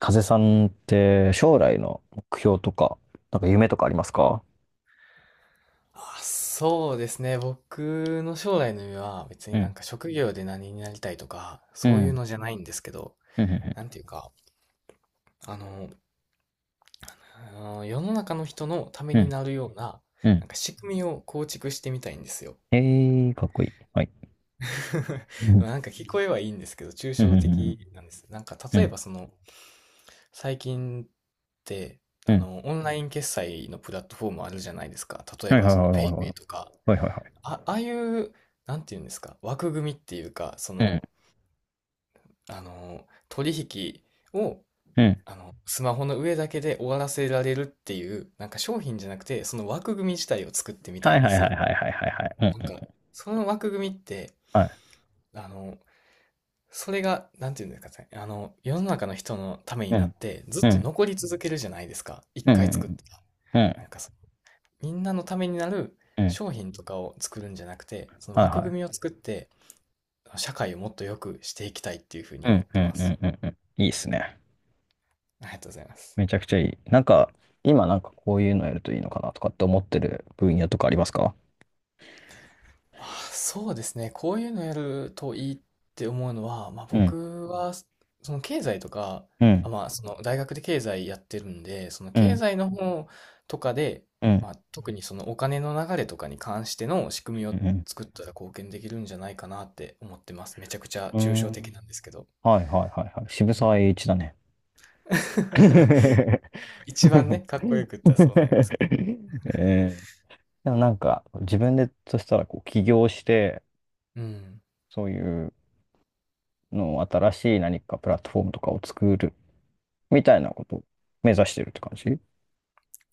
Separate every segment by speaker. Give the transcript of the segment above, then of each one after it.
Speaker 1: 風さんって将来の目標とか、なんか夢とかありますか？
Speaker 2: あ、そうですね。僕の将来の夢は別
Speaker 1: う
Speaker 2: になん
Speaker 1: ん、
Speaker 2: か職業で何になりたいとか、
Speaker 1: う
Speaker 2: そういう
Speaker 1: ん、
Speaker 2: のじゃないんですけど、
Speaker 1: うん、う
Speaker 2: なんていうか、あの、あの世の中の人のため
Speaker 1: ん、う
Speaker 2: に
Speaker 1: ん、
Speaker 2: なるような、
Speaker 1: う
Speaker 2: な
Speaker 1: ん。
Speaker 2: んか仕組みを構築してみたいんですよ。
Speaker 1: ええー、かっこいい。はい。う
Speaker 2: ま
Speaker 1: ん、
Speaker 2: あなんか聞こえはいいんですけど、抽
Speaker 1: うん、う
Speaker 2: 象的なんです。なんか
Speaker 1: ん、う
Speaker 2: 例え
Speaker 1: ん、
Speaker 2: ばその、最近って、
Speaker 1: うん。
Speaker 2: オンライン決済のプラットフォームあるじゃないですか。例え
Speaker 1: はい
Speaker 2: ば
Speaker 1: はいは
Speaker 2: その、
Speaker 1: いは
Speaker 2: ペ
Speaker 1: い
Speaker 2: イペ
Speaker 1: はい。
Speaker 2: イとか。
Speaker 1: はいはいはい。
Speaker 2: あ、ああいう、なんていうんですか、枠組みっていうか、
Speaker 1: う
Speaker 2: 取引を、
Speaker 1: ん、うん。
Speaker 2: スマホの上だけで終わらせられるっていう、なんか商品じゃなくて、その枠組み自体を作ってみた
Speaker 1: は
Speaker 2: い
Speaker 1: い
Speaker 2: んで
Speaker 1: はい
Speaker 2: す
Speaker 1: は
Speaker 2: よ。
Speaker 1: いはいはいはいはい。うん、
Speaker 2: なんか、
Speaker 1: うん。
Speaker 2: その枠組みって、
Speaker 1: はい。
Speaker 2: あの、それが、なんていうんですかね、世の中の人のために
Speaker 1: う
Speaker 2: なっ
Speaker 1: ん、
Speaker 2: て、ずっ
Speaker 1: う
Speaker 2: と
Speaker 1: ん、
Speaker 2: 残り続けるじゃないですか。一
Speaker 1: うん、う
Speaker 2: 回作っ
Speaker 1: ん、
Speaker 2: たら。
Speaker 1: うん、
Speaker 2: なんかそ、みんなのためになる
Speaker 1: うん。
Speaker 2: 商品とかを作るんじゃなくて、その
Speaker 1: はい
Speaker 2: 枠
Speaker 1: は
Speaker 2: 組みを
Speaker 1: い。
Speaker 2: 作って、社会をもっと良くしていきたいっていうふうに
Speaker 1: う
Speaker 2: 思っ
Speaker 1: ん、う
Speaker 2: て
Speaker 1: ん、う
Speaker 2: ます。
Speaker 1: ん、うん、うん。いいっすね。
Speaker 2: ありがとうございます。
Speaker 1: めちゃくちゃいい。なんか、今なんかこういうのやるといいのかなとかって思ってる分野とかありますか？
Speaker 2: あ、そうですね。こういうのやるといいって思うのは、まあ、
Speaker 1: うん、
Speaker 2: 僕は、その経済とか、
Speaker 1: う
Speaker 2: あ、
Speaker 1: ん、
Speaker 2: まあ、その大学で経済やってるんで、その
Speaker 1: う
Speaker 2: 経
Speaker 1: ん、
Speaker 2: 済の方とかで、
Speaker 1: うん。
Speaker 2: まあ、特にそのお金の流れとかに関しての仕組み
Speaker 1: う
Speaker 2: を
Speaker 1: ん。
Speaker 2: 作ったら貢献できるんじゃないかなって思ってます。めちゃくちゃ
Speaker 1: う
Speaker 2: 抽
Speaker 1: ん。
Speaker 2: 象
Speaker 1: う
Speaker 2: 的
Speaker 1: ん。
Speaker 2: なんですけど。
Speaker 1: はいはいはいはい。
Speaker 2: う
Speaker 1: 渋沢栄
Speaker 2: ん。
Speaker 1: 一だね。え
Speaker 2: 一番ね、かっこよく言ったらそうなりますけど。
Speaker 1: え。でもなんか自分でとしたらこう起業して、
Speaker 2: うん。
Speaker 1: そういうのを新しい何かプラットフォームとかを作るみたいなことを目指してるって感じ？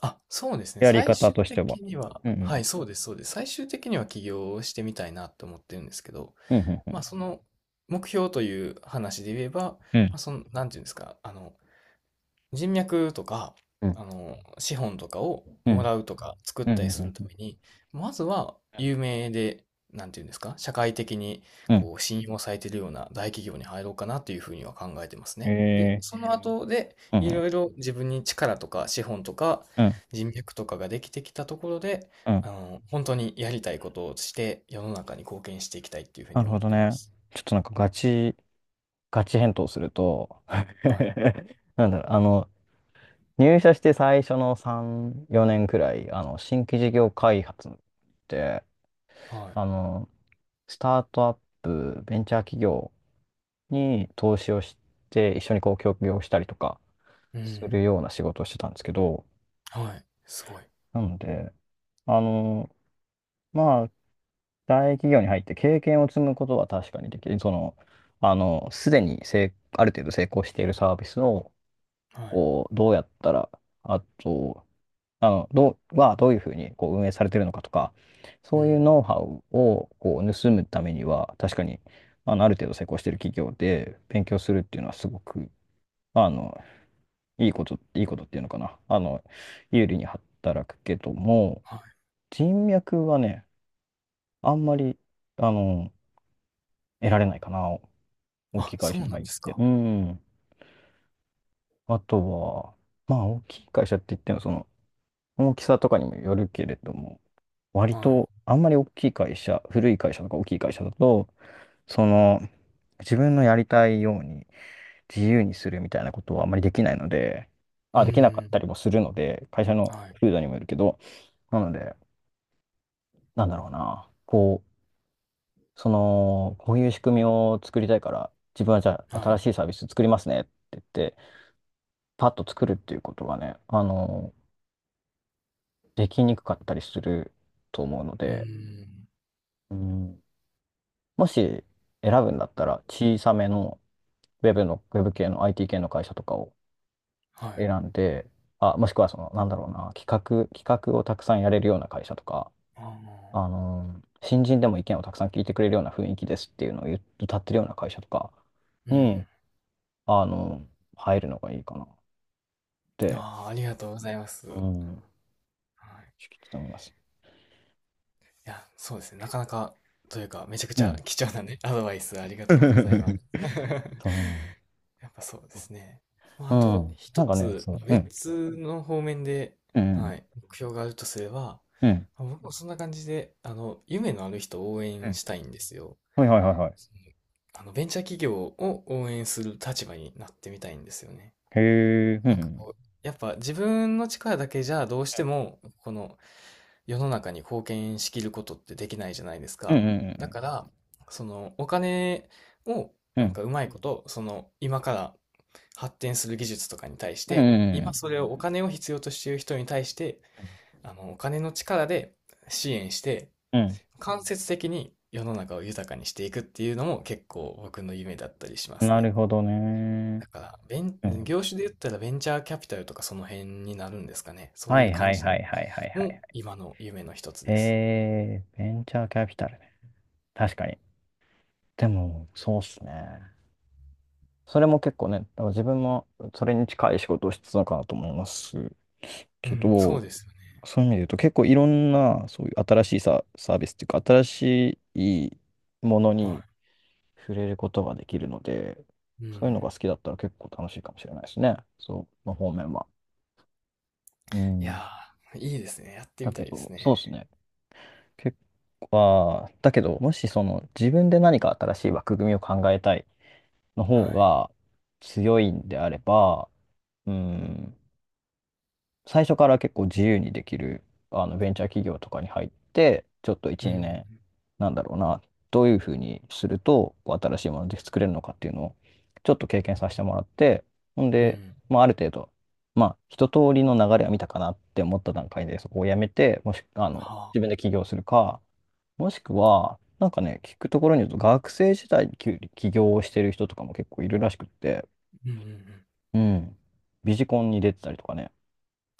Speaker 2: あ、そうですね。
Speaker 1: やり
Speaker 2: 最
Speaker 1: 方
Speaker 2: 終
Speaker 1: としては。
Speaker 2: 的には、
Speaker 1: う
Speaker 2: は
Speaker 1: ん、
Speaker 2: い、そうです、そうです。最終的には起業をしてみたいなと思ってるんですけど、
Speaker 1: うん、う
Speaker 2: まあ、
Speaker 1: ん、
Speaker 2: その目標という話で言えば、
Speaker 1: うん、うん、
Speaker 2: なんていうんですか、人脈とか、
Speaker 1: うん、
Speaker 2: 資本とかを
Speaker 1: う
Speaker 2: も
Speaker 1: ん、
Speaker 2: らうとか作っ
Speaker 1: うん、う
Speaker 2: た
Speaker 1: ん、
Speaker 2: り
Speaker 1: う
Speaker 2: する
Speaker 1: ん、う
Speaker 2: た
Speaker 1: ん、
Speaker 2: めに、まずは
Speaker 1: うん、
Speaker 2: 有名で、なんていうんですか、社会的に
Speaker 1: う
Speaker 2: こう信用されているような大企業に入ろうかなというふうには考えてます
Speaker 1: ん、
Speaker 2: ね。で、その後で、
Speaker 1: う
Speaker 2: い
Speaker 1: ん、
Speaker 2: ろいろ自分に力とか資本とか
Speaker 1: うん、
Speaker 2: 人脈とかができてきたところで、
Speaker 1: うん、うん。
Speaker 2: 本当にやりたいことをして世の中に貢献していきたいっていうふう
Speaker 1: な
Speaker 2: に
Speaker 1: るほ
Speaker 2: 思っ
Speaker 1: ど
Speaker 2: てま
Speaker 1: ね。
Speaker 2: す。
Speaker 1: ちょっとなんかガチ返答すると
Speaker 2: はい。
Speaker 1: なんだろう、入社して最初の3、4年くらい、新規事業開発って、
Speaker 2: はい。
Speaker 1: あの、スタートアップ、ベンチャー企業に投資をして、一緒にこう、協業したりとか
Speaker 2: う
Speaker 1: す
Speaker 2: ん。
Speaker 1: るような仕事をしてたんですけど、
Speaker 2: はい。すごい。
Speaker 1: なので、あの、まあ、大企業に入って経験を積むことは確かにできる。その、すでにある程度成功しているサービスを、
Speaker 2: はい。
Speaker 1: こう、どうやったら、あと、どういうふうにこう運営されてるのかとか、
Speaker 2: う
Speaker 1: そういう
Speaker 2: ん。
Speaker 1: ノウハウをこう盗むためには、確かに、ある程度成功してる企業で勉強するっていうのはすごく、あの、いいこと、いいことっていうのかな。有利に働くけども、
Speaker 2: はい。
Speaker 1: 人脈はね、あんまり、あの、得られないかな。大き
Speaker 2: あ、
Speaker 1: い会
Speaker 2: そ
Speaker 1: 社
Speaker 2: う
Speaker 1: に
Speaker 2: な
Speaker 1: 入
Speaker 2: ん
Speaker 1: っ
Speaker 2: です
Speaker 1: て。
Speaker 2: か。
Speaker 1: うん。あとは、まあ、大きい会社って言っても、その、大きさとかにもよるけれども、割と、
Speaker 2: は
Speaker 1: あんまり大きい会社、古い会社とか大きい会社だと、その、自分のやりたいように自由にするみたいなことはあんまりできないので、
Speaker 2: い。う
Speaker 1: あ、
Speaker 2: ー
Speaker 1: できなかっ
Speaker 2: ん。
Speaker 1: たりもするので、会社の
Speaker 2: はい。
Speaker 1: 風土にもよるけど、なので、なんだろうな、こう、その、こういう仕組みを作りたいから、自分はじゃあ
Speaker 2: は
Speaker 1: 新
Speaker 2: い。
Speaker 1: しいサービス作りますねって言って、パッと作るっていうことがね、できにくかったりすると思うの
Speaker 2: うー
Speaker 1: で、
Speaker 2: ん。
Speaker 1: うん、もし選ぶんだったら小さめのウェブ系の IT 系の会社とかを
Speaker 2: はい。
Speaker 1: 選んで、あ、もしくはその、なんだろうな、企画をたくさんやれるような会社とか、
Speaker 2: ああ、
Speaker 1: 新人でも意見をたくさん聞いてくれるような雰囲気ですっていうのを言っ歌ってるような会社とか
Speaker 2: うん。
Speaker 1: に、あのー入るのがいいかなって、
Speaker 2: ああ、ありがとうございま
Speaker 1: う
Speaker 2: す。
Speaker 1: ん、
Speaker 2: はい。
Speaker 1: ちょっと思います。
Speaker 2: いや、そうですね、なかなかというか、めちゃく
Speaker 1: う
Speaker 2: ちゃ
Speaker 1: ん。
Speaker 2: 貴重なね、アドバイスありがとうございます。
Speaker 1: そ
Speaker 2: やっぱそうですね。まあ、
Speaker 1: う。
Speaker 2: あ
Speaker 1: う
Speaker 2: と
Speaker 1: ん。な
Speaker 2: 一
Speaker 1: んかね、
Speaker 2: つ、ま、
Speaker 1: そう。うん。
Speaker 2: 別の方面で、
Speaker 1: うん。
Speaker 2: はい、目標があるとすれば、
Speaker 1: うん。
Speaker 2: ま、僕もそんな感じで、夢のある人を応
Speaker 1: う
Speaker 2: 援
Speaker 1: ん。
Speaker 2: したいんですよ。
Speaker 1: はいはいはいはい。
Speaker 2: ベンチャー企業を応援する立場になってみたいんですよね。
Speaker 1: へえ。う
Speaker 2: なんか
Speaker 1: ん。
Speaker 2: こう、やっぱ自分の力だけじゃどうしても、この世の中に貢献しきることってできないじゃないです
Speaker 1: う
Speaker 2: か。だ
Speaker 1: ん。
Speaker 2: から、そのお金を、
Speaker 1: うん。
Speaker 2: な
Speaker 1: うん。う
Speaker 2: ん
Speaker 1: ん。
Speaker 2: かうまいこと、その今から発展する技術とかに対し
Speaker 1: うん。
Speaker 2: て、
Speaker 1: う
Speaker 2: 今
Speaker 1: ん。
Speaker 2: それをお金を必要としている人に対して、
Speaker 1: うん。うん。
Speaker 2: お金の力で支援して、
Speaker 1: うん。うん。
Speaker 2: 間接的に世の中を豊かにしていくっていうのも結構僕の夢だったりします
Speaker 1: な
Speaker 2: ね。
Speaker 1: るほどね。
Speaker 2: だから、ベン、
Speaker 1: うん。
Speaker 2: 業種で言ったらベンチャーキャピタルとかその辺になるんですかね。そう
Speaker 1: は
Speaker 2: いう
Speaker 1: い
Speaker 2: 感
Speaker 1: はい
Speaker 2: じ
Speaker 1: は
Speaker 2: の
Speaker 1: いはいはいは
Speaker 2: も
Speaker 1: い。
Speaker 2: 今の夢の一つです。
Speaker 1: えー、ベンチャーキャピタルね。確かに。でも、そうっすね。それも結構ね、だから自分もそれに近い仕事をしてたのかなと思います
Speaker 2: う
Speaker 1: け
Speaker 2: ん、そう
Speaker 1: ど、
Speaker 2: ですよね。
Speaker 1: そういう意味で言うと結構いろんなそういう新しいサ、サービスっていうか、新しいもの
Speaker 2: は
Speaker 1: に触れることができるので、
Speaker 2: い。う
Speaker 1: そういうのが
Speaker 2: ん。
Speaker 1: 好きだったら結構楽しいかもしれないですね。そう、の方面は。う
Speaker 2: い
Speaker 1: ん。
Speaker 2: やー、いいですね。やって
Speaker 1: だ
Speaker 2: みた
Speaker 1: け
Speaker 2: いです
Speaker 1: ど、
Speaker 2: ね。
Speaker 1: そうですね。結構は、だけど、もしその自分で何か新しい枠組みを考えたいの方
Speaker 2: はい。
Speaker 1: が強いんであれば、うん、最初から結構自由にできるあのベンチャー企業とかに入って、ちょっと
Speaker 2: う
Speaker 1: 1、
Speaker 2: ん、
Speaker 1: 2年、なんだろうな、どういうふうにするとこう新しいもので作れるのかっていうのをちょっと経験させてもらって、ほん
Speaker 2: うん、う
Speaker 1: で、
Speaker 2: ん。
Speaker 1: まあ、ある程度、まあ、一通りの流れは見たかなって思った段階で、そこをやめて、もし、
Speaker 2: あ
Speaker 1: 自分
Speaker 2: あ、
Speaker 1: で起業するか、もしくは、なんかね、聞くところによると、学生時代に起業をしてる人とかも結構いるらしくって、
Speaker 2: うん、うん、うん。
Speaker 1: うん、ビジコンに出てたりとかね、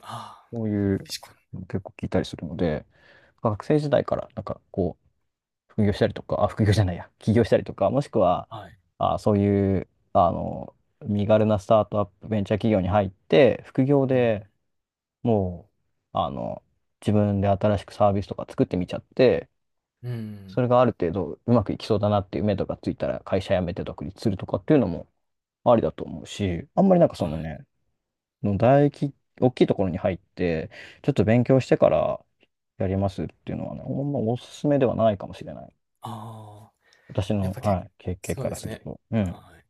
Speaker 2: ああ、
Speaker 1: そういう
Speaker 2: ビシコ
Speaker 1: の結構聞いたりするので、学生時代からなんかこう、副業したりとか、あ、副業じゃないや、起業したりとか、もしくは、
Speaker 2: ン。はい。
Speaker 1: あ、そういう、身軽なスタートアップ、ベンチャー企業に入って、副業
Speaker 2: うん、
Speaker 1: でもう、自分で新しくサービスとか作ってみちゃって、
Speaker 2: う
Speaker 1: そ
Speaker 2: ん、
Speaker 1: れがある程度うまくいきそうだなっていう目とかついたら会社辞めて独立するとかっていうのもありだと思うし、あんまりなんかそ
Speaker 2: は
Speaker 1: の
Speaker 2: い。
Speaker 1: ね、の大き、大きいところに入って、ちょっと勉強してからやりますっていうのはね、ほんまおすすめではないかもしれない。
Speaker 2: ああ、
Speaker 1: 私
Speaker 2: やっ
Speaker 1: の、
Speaker 2: ぱ結
Speaker 1: は
Speaker 2: 構、
Speaker 1: い、経験
Speaker 2: そ
Speaker 1: か
Speaker 2: うで
Speaker 1: ら
Speaker 2: す
Speaker 1: する
Speaker 2: ね。
Speaker 1: と。う
Speaker 2: は
Speaker 1: ん。
Speaker 2: い。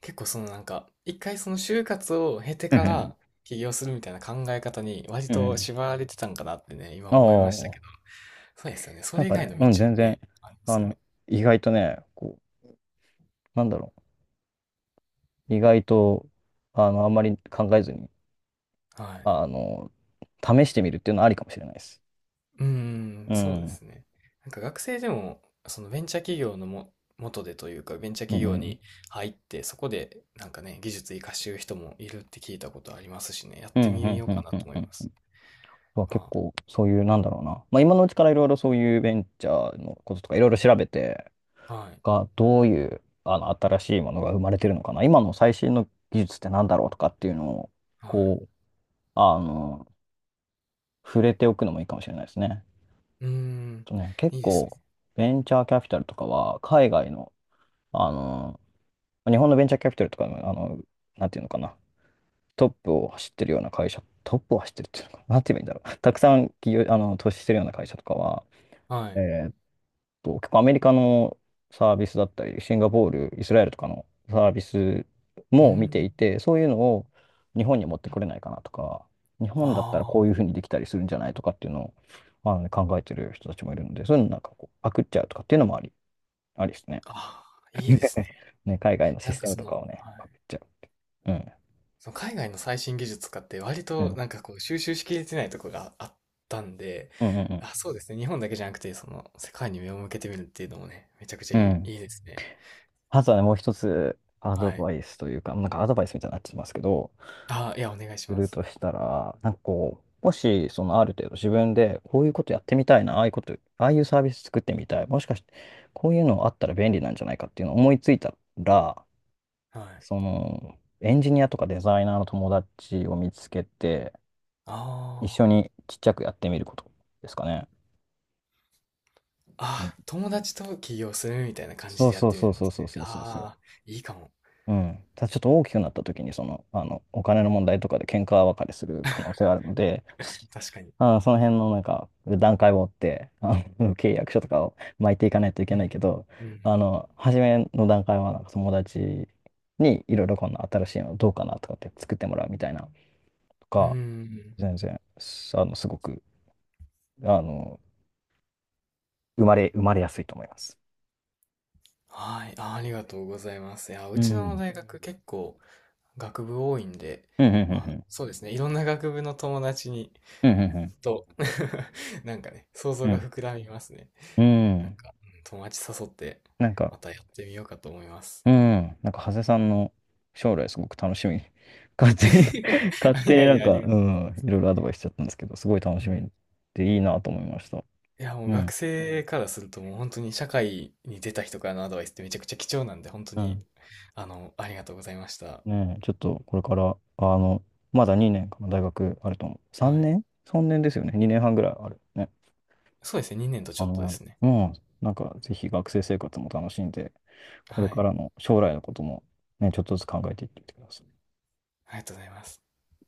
Speaker 2: 結構そのなんか、一回その就活を経て
Speaker 1: う
Speaker 2: か
Speaker 1: ん
Speaker 2: ら起業するみたいな考え方に割
Speaker 1: うんう
Speaker 2: と
Speaker 1: ん。
Speaker 2: 縛られてたんかなってね、今
Speaker 1: あ
Speaker 2: 思いましたけ
Speaker 1: あ、
Speaker 2: ど。そうですよね。そ
Speaker 1: なん
Speaker 2: れ以
Speaker 1: か
Speaker 2: 外
Speaker 1: ね、
Speaker 2: の道
Speaker 1: うん、全
Speaker 2: も
Speaker 1: 然、
Speaker 2: ね、ありま
Speaker 1: あ
Speaker 2: すよ
Speaker 1: の、
Speaker 2: ね。
Speaker 1: 意外とね、こう、なんだろう、意外と、あんまり考えずに、
Speaker 2: はい。
Speaker 1: あの、試してみるっていうのはありかもしれないです。
Speaker 2: うーん、
Speaker 1: う
Speaker 2: そう
Speaker 1: ん。う
Speaker 2: で
Speaker 1: ん、
Speaker 2: すね。なんか学生でも、そのベンチャー企業のも、元でというか、ベンチャー
Speaker 1: う
Speaker 2: 企業
Speaker 1: ん、
Speaker 2: に入って、そこでなんかね、技術活かしてる人もいるって聞いたことありますしね、やっ
Speaker 1: うん、
Speaker 2: て
Speaker 1: う
Speaker 2: み
Speaker 1: ん、
Speaker 2: よう
Speaker 1: う
Speaker 2: か
Speaker 1: ん、
Speaker 2: な
Speaker 1: う
Speaker 2: と
Speaker 1: ん。
Speaker 2: 思
Speaker 1: う
Speaker 2: いま
Speaker 1: ん
Speaker 2: す。
Speaker 1: は結
Speaker 2: あ、
Speaker 1: 構そういう、なんだろうな。まあ今のうちからいろいろそういうベンチャーのこととかいろいろ調べて、
Speaker 2: はい、
Speaker 1: が、どういう、新しいものが生まれてるのかな。今の最新の技術ってなんだろうとかっていうのを、
Speaker 2: はい。
Speaker 1: こう、あの、触れておくのもいいかもしれないですね。
Speaker 2: うーん、
Speaker 1: とね、結
Speaker 2: いいですね。
Speaker 1: 構、ベンチャーキャピタルとかは、海外の、あの、日本のベンチャーキャピタルとかの、なんていうのかな。トップを走ってるような会社、トップを走ってるっていうのかな。なんて言えばいいんだろう。たくさん企業、投資してるような会社とかは、
Speaker 2: はい。
Speaker 1: え結構アメリカのサービスだったり、シンガポール、イスラエルとかのサービス
Speaker 2: うー
Speaker 1: も見て
Speaker 2: ん、
Speaker 1: いて、そういうのを日本に持ってこれないかなとか、日本だったら
Speaker 2: あ
Speaker 1: こういうふ
Speaker 2: あ。
Speaker 1: うにできたりするんじゃないとかっていうのを、まあのね、考えてる人たちもいるので、そういうのなんかこう、パクっちゃうとかっていうのもあり、ありですね。
Speaker 2: ああ、いい ですね。
Speaker 1: ね、海外のシ
Speaker 2: なん
Speaker 1: ス
Speaker 2: か
Speaker 1: テム
Speaker 2: そ
Speaker 1: と
Speaker 2: の、
Speaker 1: か
Speaker 2: はい。
Speaker 1: をね、パクっちゃう。うん。
Speaker 2: その海外の最新技術とかって割
Speaker 1: う
Speaker 2: と
Speaker 1: ん。
Speaker 2: なんかこう収集しきれてないとこがあったんで、
Speaker 1: うんうん
Speaker 2: あ、そうですね。日本だけじゃなくて、その世界に目を向けてみるっていうのもね、めちゃくちゃ
Speaker 1: う
Speaker 2: い
Speaker 1: ん。
Speaker 2: い、
Speaker 1: うん。
Speaker 2: いいですね。
Speaker 1: あとはね、もう一つ、アド
Speaker 2: はい。
Speaker 1: バイスというか、なんかアドバイスみたいになってますけど、
Speaker 2: あ、いや、お願いし
Speaker 1: す
Speaker 2: ま
Speaker 1: る
Speaker 2: す。
Speaker 1: としたら、なんかこう、もし、そのある程度自分で、こういうことやってみたいな、ああいうこと、ああいうサービス作ってみたい、もしかして、こういうのあったら便利なんじゃないかっていうのを思いついたら、
Speaker 2: はい。
Speaker 1: その、エンジニアとかデザイナーの友達を見つけて、
Speaker 2: あ
Speaker 1: 一緒
Speaker 2: あ。
Speaker 1: にちっちゃくやってみることですかね。うん
Speaker 2: あ、友達と起業するみたいな感
Speaker 1: そ
Speaker 2: じ
Speaker 1: う
Speaker 2: でやっ
Speaker 1: そう
Speaker 2: てみ
Speaker 1: そ
Speaker 2: る
Speaker 1: う
Speaker 2: んで
Speaker 1: そう
Speaker 2: す
Speaker 1: そう
Speaker 2: ね。
Speaker 1: そうそう。
Speaker 2: ああ、いいかも。
Speaker 1: うん。ただちょっと大きくなった時に、その、お金の問題とかで喧嘩別れする可能性があるので、
Speaker 2: 確かに。
Speaker 1: その辺のなんか、段階を追って、契約書とかを巻いていかないとい
Speaker 2: う
Speaker 1: けない
Speaker 2: ん。
Speaker 1: けど、
Speaker 2: うん
Speaker 1: 初めの段階は、なんか友達にいろいろこんな新しいのどうかなとかって作ってもらうみたいなと
Speaker 2: うん。うんう
Speaker 1: か、
Speaker 2: んうん。
Speaker 1: 全然、すごく、あの、生まれやすいと思います。
Speaker 2: はい。あー、ありがとうございます。いや、う
Speaker 1: う
Speaker 2: ちの
Speaker 1: ん。
Speaker 2: 大学結構、学部多いんで、
Speaker 1: うん、うん、
Speaker 2: まあ
Speaker 1: う
Speaker 2: そうですね、いろんな学部の友達に、
Speaker 1: ん、うん。うん、
Speaker 2: と、なんかね、想
Speaker 1: う
Speaker 2: 像
Speaker 1: ん、う
Speaker 2: が
Speaker 1: ん。
Speaker 2: 膨らみますね。
Speaker 1: うん。う
Speaker 2: なん
Speaker 1: ん
Speaker 2: か、うん友達誘って、
Speaker 1: なんか、
Speaker 2: またやってみようかと思います。
Speaker 1: うん。なんか、長谷さんの将来すごく楽しみ。勝手に 勝
Speaker 2: い
Speaker 1: 手に
Speaker 2: やい
Speaker 1: なん
Speaker 2: や、あ
Speaker 1: か、
Speaker 2: りが
Speaker 1: う
Speaker 2: と
Speaker 1: ん、いろいろアドバイスしちゃったんですけど、すごい楽
Speaker 2: う。う
Speaker 1: しみ
Speaker 2: ん。
Speaker 1: でいいなと思いました。
Speaker 2: いや、もう
Speaker 1: う
Speaker 2: 学
Speaker 1: ん。
Speaker 2: 生からするともう本当に社会に出た人からのアドバイスってめちゃくちゃ貴重なんで、本当
Speaker 1: う
Speaker 2: に、
Speaker 1: ん。
Speaker 2: ありがとうございました。
Speaker 1: ねえ、ちょっとこれから、まだ2年かな、大学あると思う。
Speaker 2: は
Speaker 1: 3
Speaker 2: い。
Speaker 1: 年 ?3 年ですよね。2年半ぐらいある。ね。
Speaker 2: そうですね、2年とちょっ
Speaker 1: 3
Speaker 2: と
Speaker 1: 年
Speaker 2: で
Speaker 1: ある。
Speaker 2: すね。
Speaker 1: うん。なんか、ぜひ学生生活も楽しんで、これ
Speaker 2: は
Speaker 1: か
Speaker 2: い。
Speaker 1: らの将来のこともね、ちょっとずつ考えていってみてください。
Speaker 2: ありがとうございます。